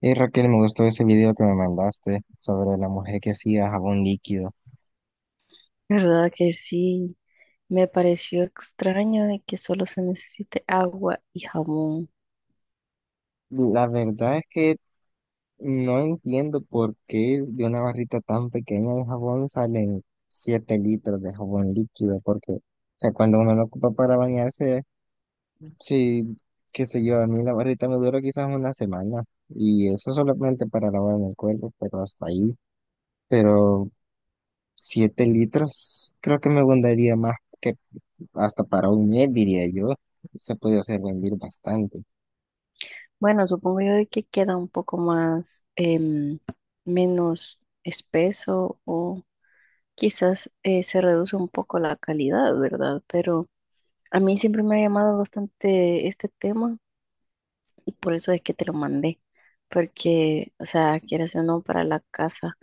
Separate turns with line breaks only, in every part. Hey Raquel, me gustó ese video que me mandaste sobre la mujer que hacía jabón líquido.
¿Verdad que sí? Me pareció extraño de que solo se necesite agua y jabón.
La verdad es que no entiendo por qué de una barrita tan pequeña de jabón salen 7 litros de jabón líquido, porque o sea, cuando uno lo ocupa para bañarse, sí, qué sé yo, a mí la barrita me dura quizás una semana y eso solamente para lavarme el cuerpo, pero hasta ahí. Pero 7 litros creo que me gustaría más, que hasta para un mes, diría yo, se podía hacer rendir bastante.
Bueno, supongo yo de que queda un poco más, menos espeso o quizás se reduce un poco la calidad, ¿verdad? Pero a mí siempre me ha llamado bastante este tema y por eso es que te lo mandé, porque, o sea, quieras o no, para la casa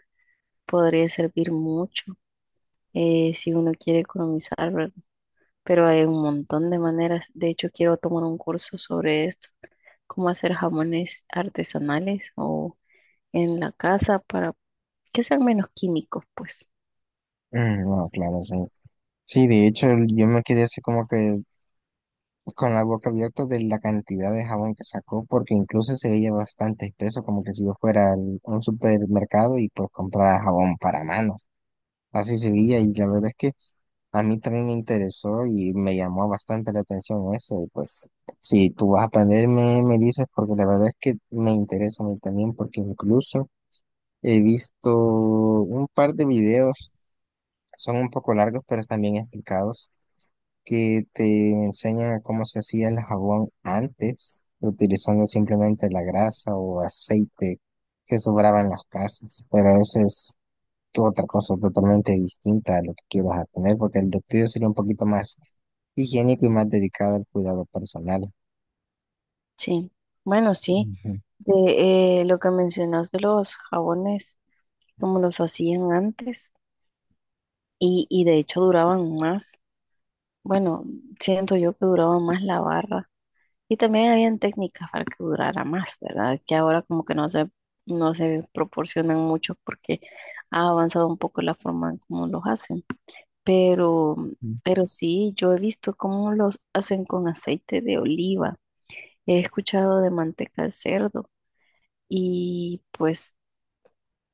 podría servir mucho si uno quiere economizar, ¿verdad? Pero hay un montón de maneras. De hecho, quiero tomar un curso sobre esto, cómo hacer jamones artesanales o en la casa para que sean menos químicos, pues.
Mm, no, claro, sí. Sí, de hecho, yo me quedé así como que con la boca abierta de la cantidad de jabón que sacó, porque incluso se veía bastante espeso, como que si yo fuera a un supermercado y pues comprara jabón para manos. Así se veía y la verdad es que a mí también me interesó y me llamó bastante la atención eso. Y pues, si tú vas a aprender, me dices, porque la verdad es que me interesa a mí también, porque incluso he visto un par de videos, son un poco largos, pero están bien explicados, que te enseñan a cómo se hacía el jabón antes, utilizando simplemente la grasa o aceite que sobraba en las casas. Pero esa es otra cosa totalmente distinta a lo que quieras a tener, porque el de tuyo sería un poquito más higiénico y más dedicado al cuidado personal.
Sí, bueno, sí.
Ujú.
De lo que mencionas de los jabones, como los hacían antes, y de hecho duraban más. Bueno, siento yo que duraba más la barra. Y también habían técnicas para que durara más, ¿verdad? Que ahora como que no se proporcionan mucho porque ha avanzado un poco la forma en cómo los hacen. Pero, pero sí, yo he visto cómo los hacen con aceite de oliva. He escuchado de manteca de cerdo y pues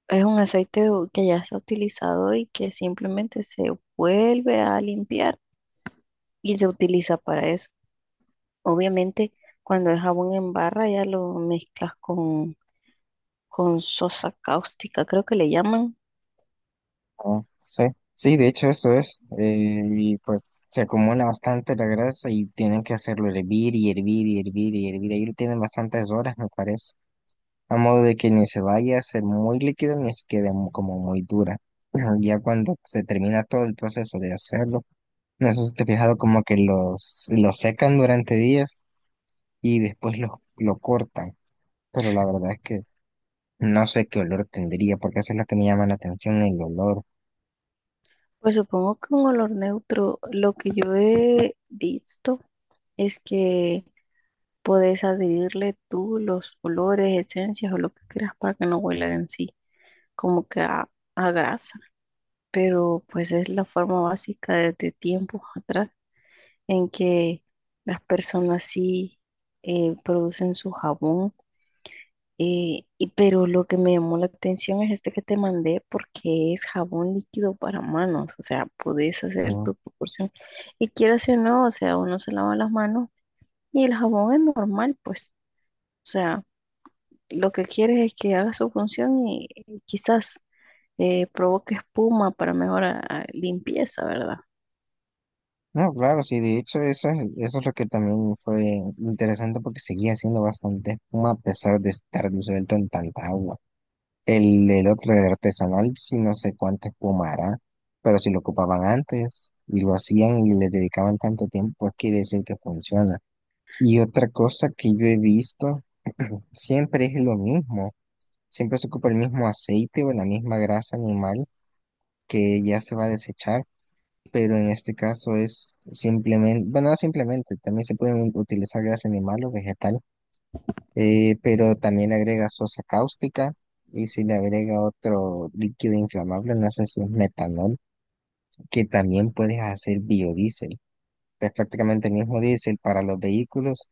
es un que ya está utilizado y que simplemente se vuelve a limpiar y se utiliza para eso. Obviamente, cuando es jabón en barra ya lo mezclas con sosa cáustica, creo que le llaman.
Ah, sí, sí, de hecho eso es, y pues se acumula bastante la grasa y tienen que hacerlo hervir y hervir y hervir y hervir, ahí lo tienen bastantes horas me parece, a modo de que ni se vaya a ser muy líquida ni se quede como muy dura. Ya cuando se termina todo el proceso de hacerlo, no sé si te has fijado como que los secan durante días y después los lo cortan, pero la verdad es que no sé qué olor tendría, porque eso es lo que me llama la atención, el olor.
Pues supongo que un olor neutro, lo que yo he visto es que podés adherirle tú los olores, esencias o lo que quieras para que no huela en sí, como que a grasa. Pero pues es la forma básica desde tiempos atrás en que las personas sí producen su jabón. Pero lo que me llamó la atención es este que te mandé porque es jabón líquido para manos, o sea, podés hacer
¿No?
tu proporción. Y quieras o no, o sea, uno se lava las manos y el jabón es normal, pues. O sea, lo que quieres es que haga su función y quizás provoque espuma para mejorar limpieza, ¿verdad?
No, claro, sí, de hecho eso es lo que también fue interesante porque seguía haciendo bastante espuma a pesar de estar disuelto en tanta agua. El otro, el artesanal, sí no sé cuánta espuma hará, pero si lo ocupaban antes y lo hacían y le dedicaban tanto tiempo, pues quiere decir que funciona. Y otra cosa que yo he visto, siempre es lo mismo, siempre se ocupa el mismo aceite o la misma grasa animal que ya se va a desechar, pero en este caso es simplemente, bueno, no simplemente, también se pueden utilizar grasa animal o vegetal, pero también le agrega sosa cáustica y si le agrega otro líquido inflamable, no sé si es metanol, que también puedes hacer biodiesel. Es prácticamente el mismo diésel para los vehículos,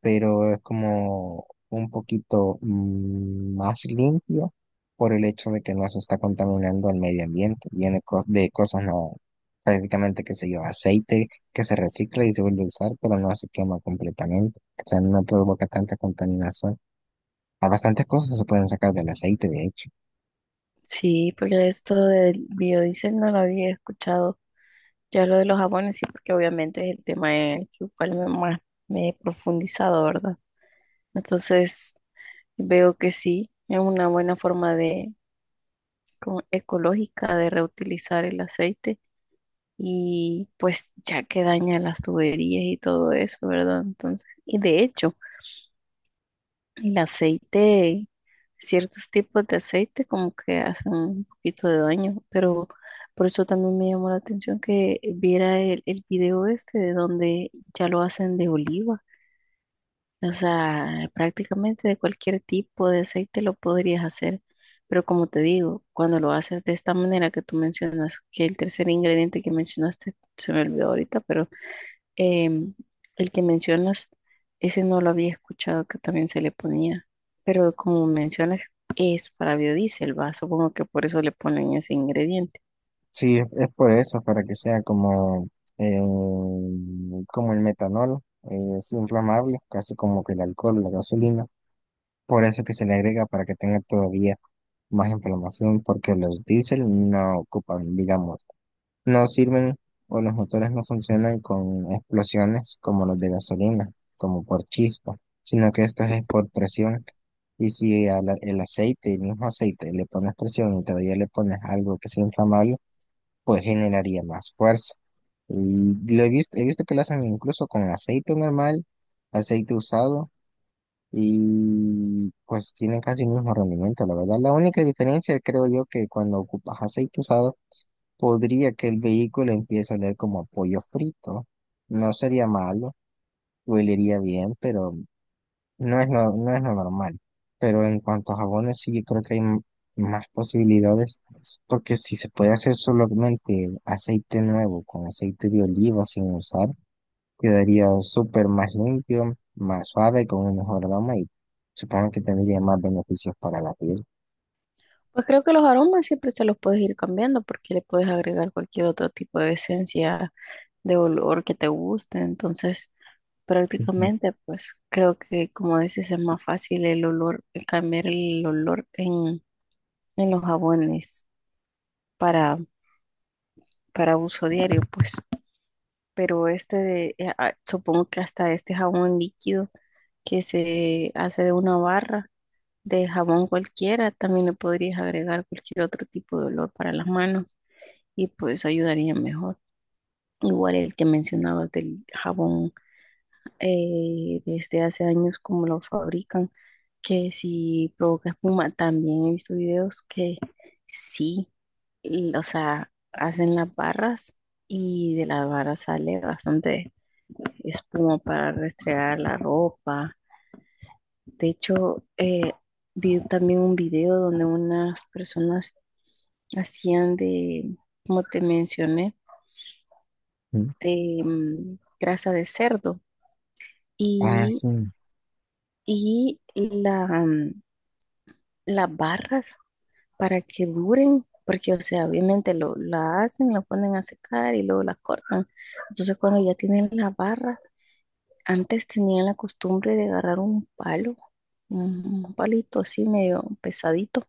pero es como un poquito más limpio por el hecho de que no se está contaminando al medio ambiente. Viene de cosas no, prácticamente, qué sé yo, aceite que se recicla y se vuelve a usar, pero no se quema completamente. O sea, no provoca tanta contaminación. A bastantes cosas se pueden sacar del aceite, de hecho.
Sí, pero esto del biodiesel no lo había escuchado. Ya lo de los jabones, sí, porque obviamente es el tema en el que igual más me he profundizado, ¿verdad? Entonces, veo que sí, es una buena forma de, como ecológica de reutilizar el aceite y pues ya que daña las tuberías y todo eso, ¿verdad? Entonces, y de hecho, el aceite, ciertos tipos de aceite como que hacen un poquito de daño, pero por eso también me llamó la atención que viera el video este de donde ya lo hacen de oliva. O sea, prácticamente de cualquier tipo de aceite lo podrías hacer. Pero como te digo, cuando lo haces de esta manera que tú mencionas, que el tercer ingrediente que mencionaste se me olvidó ahorita, pero Em, el que mencionas, ese no lo había escuchado que también se le ponía, pero como mencionas, es para biodiesel, va, supongo que por eso le ponen ese ingrediente.
Sí, es por eso, para que sea como, eh, como el metanol, es inflamable, casi como que el alcohol, la gasolina. Por eso que se le agrega para que tenga todavía más inflamación, porque los diésel no ocupan, digamos, no sirven o los motores no funcionan con explosiones como los de gasolina, como por chispa, sino que esto es por presión. Y si el aceite, el mismo aceite, le pones presión y todavía le pones algo que sea inflamable, pues generaría más fuerza. Y lo he visto que lo hacen incluso con aceite normal, aceite usado, y pues tienen casi el mismo rendimiento, la verdad. La única diferencia creo yo que cuando ocupas aceite usado, podría que el vehículo empiece a oler como a pollo frito. No sería malo, olería bien, pero no es lo normal, pero en cuanto a jabones, sí, yo creo que hay más posibilidades, porque si se puede hacer solamente aceite nuevo con aceite de oliva sin usar, quedaría súper más limpio, más suave, con un mejor aroma y supongo que tendría más beneficios para la piel.
Pues creo que los aromas siempre se los puedes ir cambiando porque le puedes agregar cualquier otro tipo de esencia, de olor que te guste, entonces
Ujú,
prácticamente, pues creo que como dices es más fácil el olor, el cambiar el olor en los jabones para, para uso diario, pues. Pero este, supongo que hasta este jabón líquido que se hace de una barra de jabón cualquiera, también le podrías agregar cualquier otro tipo de olor para las manos y pues ayudaría mejor. Igual el que mencionabas del jabón desde hace años como lo fabrican, que si provoca espuma, también he visto videos que sí, y, o sea, hacen las barras y de las barras sale bastante espuma para restregar la ropa. De hecho, vi también un video donde unas personas hacían de, como te mencioné,
ujú.
de grasa de cerdo
Ah,
y,
sí.
y la... las barras para que duren, porque, o sea, obviamente lo, la hacen, la ponen a secar y luego la cortan. Entonces, cuando ya tienen la barra, antes tenían la costumbre de agarrar un palo, un palito así medio pesadito,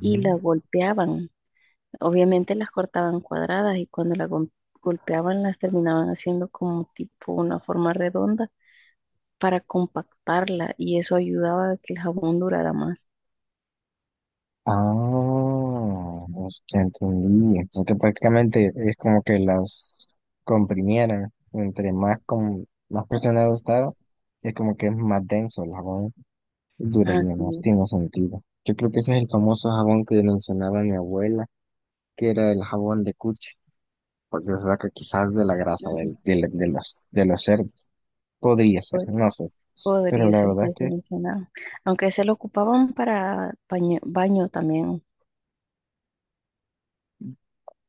y la golpeaban. Obviamente las cortaban cuadradas y cuando golpeaban las terminaban haciendo como tipo una forma redonda para compactarla y eso ayudaba a que el jabón durara más.
Ah, ya entendí. Entonces que prácticamente es como que las comprimieran. Más presionado estaba, es como que es más denso el jabón. Duraría más,
Así.
tiene sentido. Yo creo que ese es el famoso jabón que mencionaba mi abuela, que era el jabón de cuche, porque se saca quizás de la grasa de los cerdos. Podría ser, no sé. Pero
Podría
la
ser
verdad es
que se
que
mencionaba. Aunque se lo ocupaban para baño, baño también.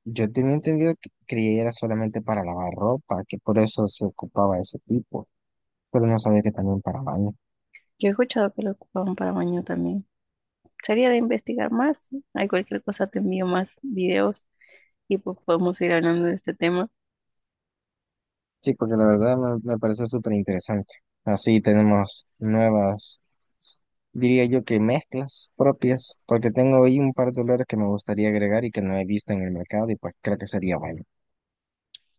yo tenía entendido que creía era solamente para lavar ropa, que por eso se ocupaba ese tipo, pero no sabía que también para baño.
Yo he escuchado que lo ocupaban para baño también. Sería de investigar más, ¿no? Hay cualquier cosa, te envío más videos y pues podemos ir hablando de este tema.
Sí, porque la verdad me parece súper interesante. Así tenemos nuevas, diría yo que mezclas propias, porque tengo ahí un par de olores que me gustaría agregar y que no he visto en el mercado y pues creo que sería bueno.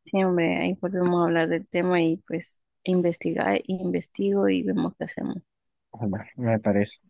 Siempre ahí podemos hablar del tema y pues investigar, investigo y vemos qué hacemos.
Bueno, me parece.